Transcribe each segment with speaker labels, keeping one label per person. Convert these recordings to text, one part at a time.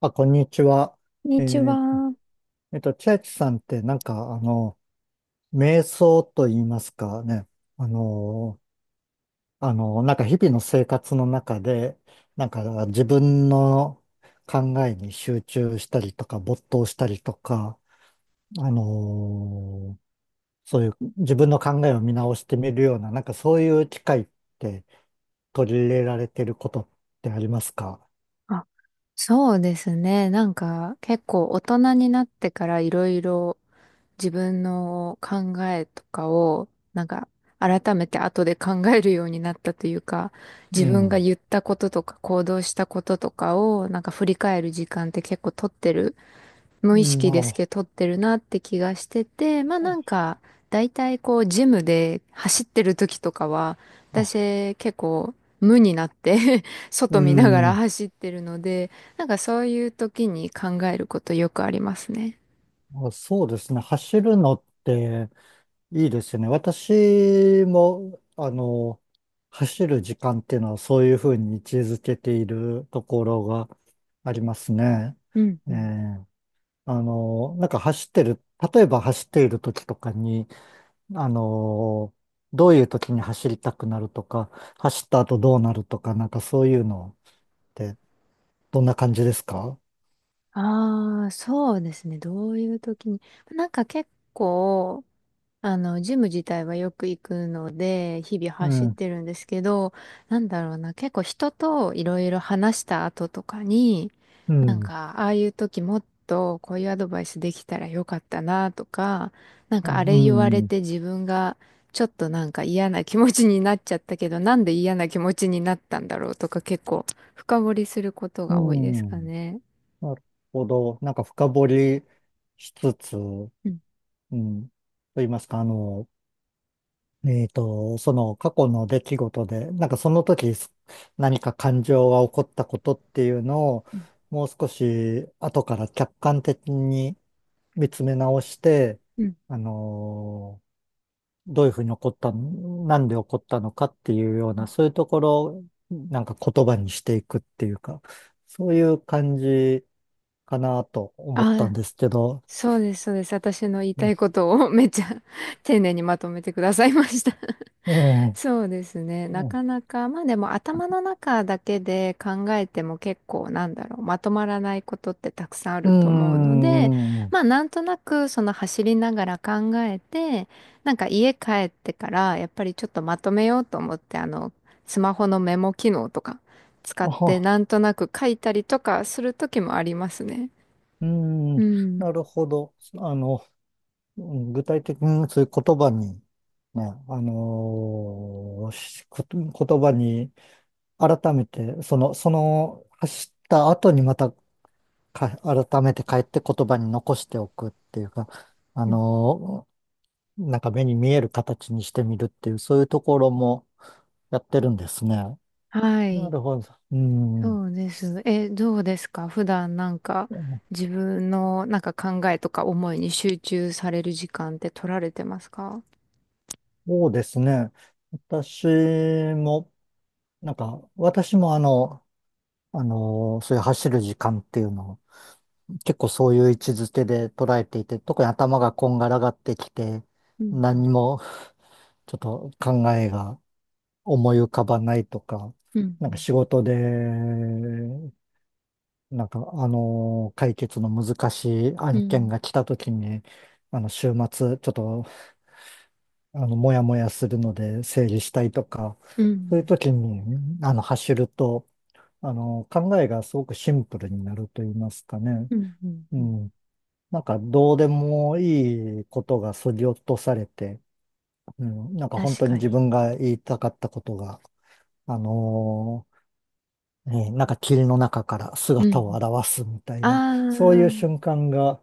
Speaker 1: あ、こんにちは。
Speaker 2: こんに
Speaker 1: え
Speaker 2: ち
Speaker 1: ー
Speaker 2: は。
Speaker 1: 千秋さんって瞑想と言いますかね。あの、なんか日々の生活の中で、なんか自分の考えに集中したりとか、没頭したりとか、あの、そういう自分の考えを見直してみるような、なんかそういう機会って取り入れられてることってありますか？
Speaker 2: あ、そうですね。なんか結構大人になってからいろいろ自分の考えとかをなんか改めて後で考えるようになったというか、
Speaker 1: う
Speaker 2: 自分が
Speaker 1: ん。
Speaker 2: 言ったこととか行動したこととかを振り返る時間って結構取ってる、無
Speaker 1: う
Speaker 2: 意
Speaker 1: ん、
Speaker 2: 識で
Speaker 1: ま
Speaker 2: すけ
Speaker 1: あ、
Speaker 2: ど取ってるなって気がしてて、だいたいこう、ジムで走ってる時とかは、
Speaker 1: あ、
Speaker 2: 私結構無になって
Speaker 1: う
Speaker 2: 外見ながら
Speaker 1: ん。
Speaker 2: 走ってるので、なんかそういう時に考えることよくありますね。
Speaker 1: あ、そうですね。走るのっていいですよね。私も、走る時間っていうのはそういうふうに位置づけているところがありますね。
Speaker 2: うん
Speaker 1: え
Speaker 2: うん。
Speaker 1: えなんか走ってる、例えば走っている時とかに、あの、どういう時に走りたくなるとか、走った後どうなるとか、なんかそういうのってどんな感じですか？
Speaker 2: ああ、そうですね。どういう時に。なんか結構、ジム自体はよく行くので、日々
Speaker 1: う
Speaker 2: 走っ
Speaker 1: ん、
Speaker 2: てるんですけど、なんだろうな、結構人といろいろ話した後とかに、
Speaker 1: う
Speaker 2: なん
Speaker 1: ん、
Speaker 2: か、ああいう時もっとこういうアドバイスできたらよかったなとか、なん
Speaker 1: う
Speaker 2: かあれ言われ
Speaker 1: ん、
Speaker 2: て自分がちょっとなんか嫌な気持ちになっちゃったけど、なんで嫌な気持ちになったんだろうとか結構深掘りすること
Speaker 1: う
Speaker 2: が多いですか
Speaker 1: ん。
Speaker 2: ね。
Speaker 1: なるほど。なんか深掘りしつつ、う
Speaker 2: うん
Speaker 1: ん。と言いますか、その過去の出来事で、なんかその時す何か感情が起こったことっていうのを、
Speaker 2: うん
Speaker 1: もう少し後から客観的に見つめ直して、
Speaker 2: うん
Speaker 1: あのどういうふうに起こったなんで起こったのかっていうよう
Speaker 2: う
Speaker 1: な、
Speaker 2: ん。
Speaker 1: そういうところをなんか言葉にしていくっていうか、そういう感じかなと思ったん
Speaker 2: ああ、
Speaker 1: ですけど、
Speaker 2: そうです、そうです。私の言い
Speaker 1: う
Speaker 2: た
Speaker 1: ん、
Speaker 2: いことを めっちゃ丁寧にまとめてくださいました。
Speaker 1: う ん、
Speaker 2: そうですね。な
Speaker 1: う
Speaker 2: かなか、まあでも頭の中だけで考えても結構、なんだろう、まとまらないことってたくさんあると思うので、
Speaker 1: ん、
Speaker 2: まあなんとなくその走りながら考えて、なんか家帰ってからやっぱりちょっとまとめようと思って、スマホのメモ機能とか使って
Speaker 1: あ、
Speaker 2: なんとなく書いたりとかする時もありますね。
Speaker 1: うん、
Speaker 2: うん。
Speaker 1: なるほど。あの、うん、具体的にそういう言葉に、ね、あのーしこと言葉に改めて、走った後にまた改めて帰って言葉に残しておくっていうか、あ
Speaker 2: うん。
Speaker 1: のーなんか目に見える形にしてみるっていう、そういうところもやってるんですね。
Speaker 2: は
Speaker 1: な
Speaker 2: い。
Speaker 1: るほど。うん。
Speaker 2: そうです。え、どうですか、普段なんか自分のなんか考えとか思いに集中される時間って取られてますか？
Speaker 1: そうですね。私も、なんか、私もそういう走る時間っていうのを、結構そういう位置づけで捉えていて、特に頭がこんがらがってきて、
Speaker 2: うん、
Speaker 1: 何も、ちょっと考えが思い浮かばないとか、
Speaker 2: う
Speaker 1: なんか
Speaker 2: ん、
Speaker 1: 仕事で、解決の難しい
Speaker 2: う
Speaker 1: 案件
Speaker 2: ん、
Speaker 1: が来た時に、週末、ちょっと、あの、もやもやするので整理したいとか、
Speaker 2: うん、う
Speaker 1: そういう
Speaker 2: ん、
Speaker 1: 時に、走ると、考えがすごくシンプルになると言いますかね。
Speaker 2: うん、うん、
Speaker 1: う
Speaker 2: うん。
Speaker 1: ん。なんか、どうでもいいことが削ぎ落とされて、うん。なんか、本
Speaker 2: 確
Speaker 1: 当に
Speaker 2: か
Speaker 1: 自
Speaker 2: に。
Speaker 1: 分が言いたかったことが、あのね、なんか霧の中から
Speaker 2: うん、う
Speaker 1: 姿を
Speaker 2: ん。
Speaker 1: 現すみたいな、
Speaker 2: あ
Speaker 1: そういう
Speaker 2: ー、
Speaker 1: 瞬間が、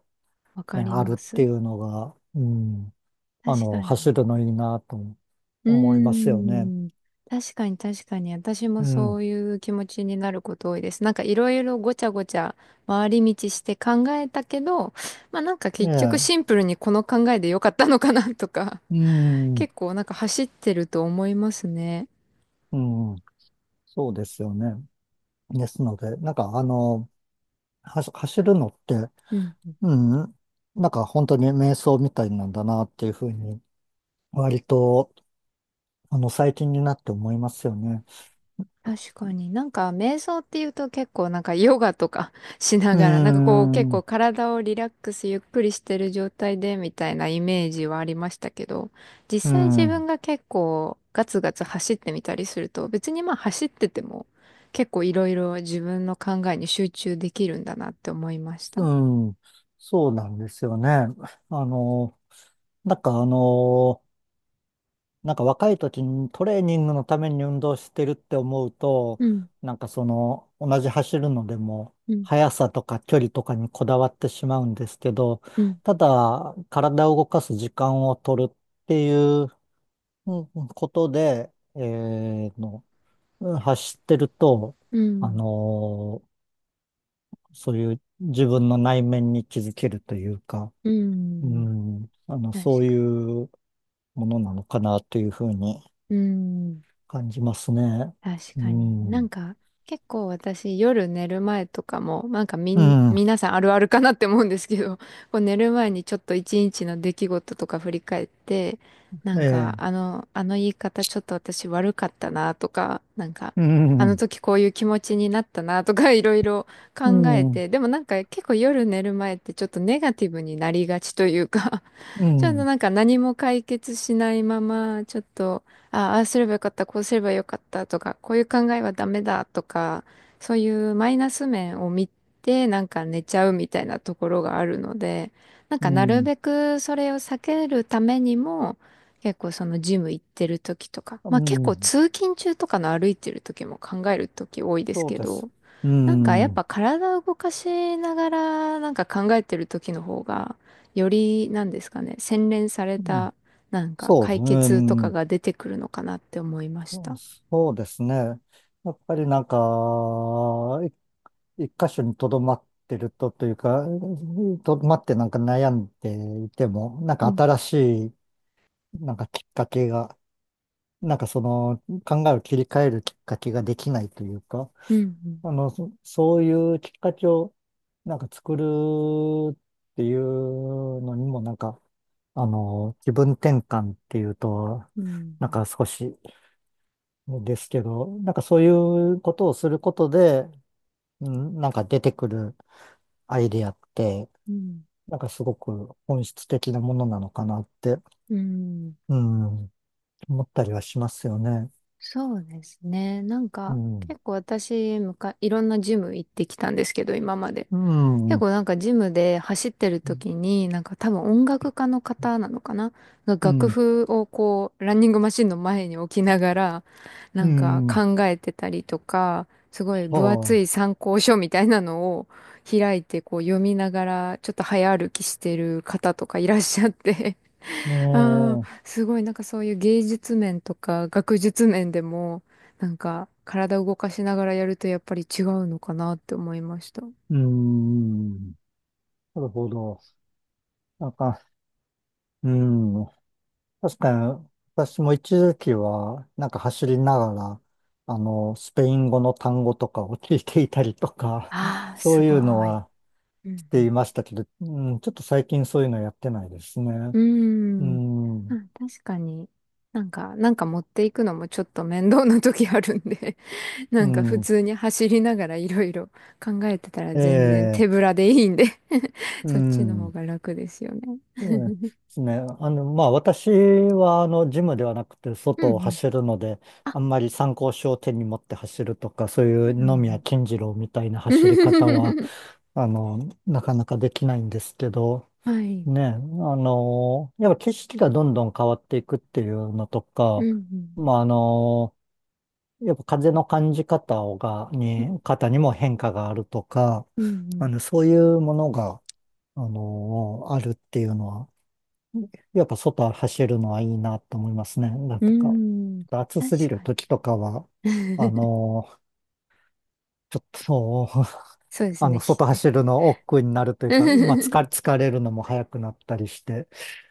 Speaker 2: わ
Speaker 1: ね、
Speaker 2: かり
Speaker 1: ある
Speaker 2: ま
Speaker 1: ってい
Speaker 2: す。
Speaker 1: うのが、うん、
Speaker 2: 確か
Speaker 1: 走
Speaker 2: に。
Speaker 1: るのいいなと
Speaker 2: う
Speaker 1: 思いますよね。
Speaker 2: ーん。確かに確かに。私
Speaker 1: う
Speaker 2: もそ
Speaker 1: ん。
Speaker 2: ういう気持ちになること多いです。なんかいろいろごちゃごちゃ回り道して考えたけど、まあなんか
Speaker 1: ね
Speaker 2: 結局
Speaker 1: え、
Speaker 2: シンプルにこの考えでよかったのかなとか、
Speaker 1: うん、
Speaker 2: 結構なんか走ってると思いますね。
Speaker 1: うん、そうですよね。ですので、走るのって、
Speaker 2: うん。
Speaker 1: うん、なんか本当に瞑想みたいなんだなっていうふうに、割と、最近になって思いますよね。
Speaker 2: 確かに、なんか瞑想っていうと結構なんかヨガとか しな
Speaker 1: う
Speaker 2: がらなんかこう結構
Speaker 1: ん、
Speaker 2: 体をリラックスゆっくりしてる状態でみたいなイメージはありましたけど、実
Speaker 1: う
Speaker 2: 際自分
Speaker 1: ん。
Speaker 2: が結構ガツガツ走ってみたりすると、別にまあ走ってても結構いろいろ自分の考えに集中できるんだなって思いまし
Speaker 1: う
Speaker 2: た。
Speaker 1: ん、そうなんですよね。あの、なんかあの、なんか若い時にトレーニングのために運動してるって思うと、
Speaker 2: うん、
Speaker 1: なんかその、同じ走るのでも、
Speaker 2: うん、
Speaker 1: 速さとか距離とかにこだわってしまうんですけど、
Speaker 2: うん、
Speaker 1: ただ、体を動かす時間を取るっていう、うんことで、えーの、うん、走ってると、
Speaker 2: う
Speaker 1: あ
Speaker 2: ん、
Speaker 1: の、そういう自分の内面に気づけるというか、
Speaker 2: う
Speaker 1: う
Speaker 2: ん、
Speaker 1: ん、
Speaker 2: 確
Speaker 1: そうい
Speaker 2: かに。
Speaker 1: うものなのかなというふうに
Speaker 2: うん、
Speaker 1: 感じますね。
Speaker 2: 確
Speaker 1: う
Speaker 2: かに。な
Speaker 1: ん、
Speaker 2: ん
Speaker 1: う
Speaker 2: か、結構私夜寝る前とかも、なんかみん、
Speaker 1: ん、
Speaker 2: 皆さんあるあるかなって思うんですけど、こう寝る前にちょっと一日の出来事とか振り返って、な
Speaker 1: え
Speaker 2: んか、
Speaker 1: え、
Speaker 2: あの言い方ちょっと私悪かったなとか、なんか、
Speaker 1: う
Speaker 2: あの
Speaker 1: ん、
Speaker 2: 時こういう気持ちになったなとか、 いろいろ
Speaker 1: う
Speaker 2: 考え
Speaker 1: ん、
Speaker 2: て、でもなんか結構夜寝る前ってちょっとネガティブになりがちというか、
Speaker 1: う
Speaker 2: ちょっと
Speaker 1: ん、
Speaker 2: なんか何も解決しないまま、ちょっとああーすればよかった、こうすればよかったとか、こういう考えはダメだとか、そういうマイナス面を見て、なんか寝ちゃうみたいなところがあるので、なん
Speaker 1: う
Speaker 2: かなる
Speaker 1: ん、
Speaker 2: べくそれを避けるためにも、結構そのジム行ってる時とか、
Speaker 1: う
Speaker 2: まあ結構
Speaker 1: ん、
Speaker 2: 通勤中とかの歩いてる時も考える時多いです
Speaker 1: そう
Speaker 2: け
Speaker 1: です。
Speaker 2: ど、
Speaker 1: う
Speaker 2: なんかやっ
Speaker 1: ん、う
Speaker 2: ぱ体を動かしながらなんか考えてる時の方が、よりなんですかね、洗練され
Speaker 1: ん、
Speaker 2: たなんか
Speaker 1: そうで
Speaker 2: 解
Speaker 1: すね、う
Speaker 2: 決とか
Speaker 1: ん、
Speaker 2: が出てくるのかなって思いました。
Speaker 1: そうですね。やっぱりなんか、い一箇所にとどまってるとというか、とどまってなんか悩んでいても、なんか
Speaker 2: うん。
Speaker 1: 新しいなんかきっかけが、なんかその考えを切り替えるきっかけができないというか、
Speaker 2: うん。
Speaker 1: そういうきっかけをなんか作るっていうのにもなんか、気分転換っていうと、
Speaker 2: う
Speaker 1: なん
Speaker 2: ん、
Speaker 1: か少しですけど、なんかそういうことをすることで、うん、なんか出てくるアイデアって、
Speaker 2: うん、
Speaker 1: なんかすごく本質的なものなのかなって、
Speaker 2: うん。
Speaker 1: うん、思ったりはしますよね。
Speaker 2: そうですね。なん
Speaker 1: う
Speaker 2: か
Speaker 1: ん。
Speaker 2: 結構私、いろんなジム行ってきたんですけど今まで。
Speaker 1: うん。
Speaker 2: 結
Speaker 1: うん。
Speaker 2: 構なんかジムで走ってる時に、なんか多分音楽家の方なのかなが、
Speaker 1: う
Speaker 2: 楽
Speaker 1: ん
Speaker 2: 譜をこう、ランニングマシンの前に置きながら、
Speaker 1: う
Speaker 2: なんか
Speaker 1: ん、
Speaker 2: 考えてたりとか、すごい分
Speaker 1: は
Speaker 2: 厚い参考書みたいなのを開いてこう読みながら、ちょっと早歩きしてる方とかいらっしゃって、
Speaker 1: い。ね
Speaker 2: ああ、
Speaker 1: え、
Speaker 2: すごいなんかそういう芸術面とか学術面でも、なんか体を動かしながらやるとやっぱり違うのかなって思いました。
Speaker 1: うん、なるほど。なんか、うん、確かに、私も一時期は、なんか走りながら、スペイン語の単語とかを聞いていたりとか、
Speaker 2: あ あ、
Speaker 1: そ
Speaker 2: す
Speaker 1: うい
Speaker 2: ご
Speaker 1: うの
Speaker 2: い。
Speaker 1: は
Speaker 2: う
Speaker 1: し
Speaker 2: ん
Speaker 1: て
Speaker 2: う
Speaker 1: いましたけど、うん、ちょっと最近そういうのやってないですね。う
Speaker 2: ん。うーん。
Speaker 1: ん、
Speaker 2: あ、確かに。なんか、なんか持っていくのもちょっと面倒な時あるんで、な
Speaker 1: う
Speaker 2: んか普
Speaker 1: ん、
Speaker 2: 通に走りながらいろいろ考えてたら
Speaker 1: え
Speaker 2: 全然手
Speaker 1: え、
Speaker 2: ぶらでいいんで。
Speaker 1: う
Speaker 2: そっちの方
Speaker 1: ん。
Speaker 2: が楽ですよね。
Speaker 1: うん、で すね。まあ、私は、ジムではなくて、
Speaker 2: うんう
Speaker 1: 外を
Speaker 2: ん。
Speaker 1: 走るので、
Speaker 2: あ、
Speaker 1: あんまり参考書を手に持って走るとか、そう
Speaker 2: う
Speaker 1: いう野宮
Speaker 2: ん
Speaker 1: 金次郎みたいな
Speaker 2: う
Speaker 1: 走り方は、
Speaker 2: んうん。
Speaker 1: あの、なかなかできないんですけど、
Speaker 2: はい。
Speaker 1: ね、あの、やっぱ景色がどんどん変わっていくっていうのと
Speaker 2: う
Speaker 1: か、
Speaker 2: ん
Speaker 1: まあ、あの、やっぱ風の感じ方をが、
Speaker 2: うん。
Speaker 1: に、方にも変化があるとか、
Speaker 2: うんうん。
Speaker 1: そういうものが、あるっていうのは、やっぱ外走るのはいいなと思いますね。なん
Speaker 2: うー
Speaker 1: とか、ちょ
Speaker 2: ん。
Speaker 1: っと暑すぎ
Speaker 2: 確
Speaker 1: る
Speaker 2: かに。
Speaker 1: 時とかは、あ のーちょっとそう、
Speaker 2: そうで すね。
Speaker 1: 外走るの億劫になるというか、まあ、疲れるのも早くなったりして、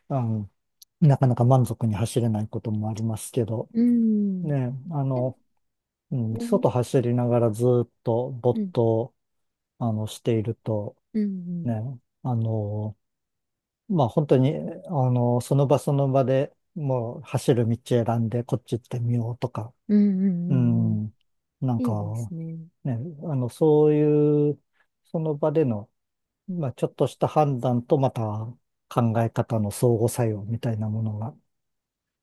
Speaker 1: うん、なかなか満足に走れないこともありますけど、
Speaker 2: うん。
Speaker 1: ね、
Speaker 2: で
Speaker 1: うん、
Speaker 2: もね、
Speaker 1: 外走りながらずっと
Speaker 2: う
Speaker 1: 没
Speaker 2: ん、
Speaker 1: 頭、していると、
Speaker 2: うん、
Speaker 1: ね、あのーまあ本当に、その場その場でもう走る道選んでこっち行ってみようとか、
Speaker 2: うん、うん、うん、
Speaker 1: う
Speaker 2: うんうん、
Speaker 1: ん、なん
Speaker 2: い
Speaker 1: か
Speaker 2: いですね。
Speaker 1: ね、そういう、その場での、まあちょっとした判断とまた考え方の相互作用みたいなものが、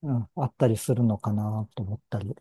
Speaker 1: うん、あったりするのかなと思ったり、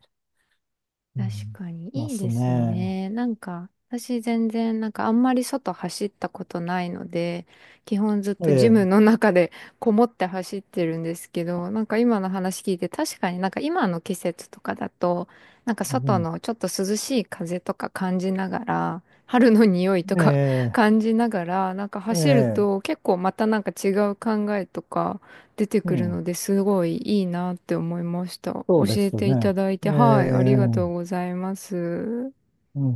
Speaker 1: う
Speaker 2: 確
Speaker 1: ん、
Speaker 2: かに、
Speaker 1: ま
Speaker 2: いい
Speaker 1: す
Speaker 2: です
Speaker 1: ね。
Speaker 2: ね。なんか、私全然、なんかあんまり外走ったことないので、基本ずっ
Speaker 1: え
Speaker 2: とジム
Speaker 1: え、
Speaker 2: の中でこもって走ってるんですけど、なんか今の話聞いて、確かになんか今の季節とかだと、なんか
Speaker 1: う
Speaker 2: 外
Speaker 1: ん、
Speaker 2: のちょっと涼しい風とか感じながら、春の匂いと
Speaker 1: え
Speaker 2: か
Speaker 1: え、
Speaker 2: 感じながら、なんか
Speaker 1: え
Speaker 2: 走る
Speaker 1: え、
Speaker 2: と結構またなんか違う考えとか、出て
Speaker 1: う
Speaker 2: くるの
Speaker 1: ん、
Speaker 2: ですごいいいなって思いました。教
Speaker 1: そうで
Speaker 2: え
Speaker 1: す
Speaker 2: ていた
Speaker 1: ね。
Speaker 2: だい
Speaker 1: え
Speaker 2: て、はい、あり
Speaker 1: え、
Speaker 2: がとうございます。
Speaker 1: うん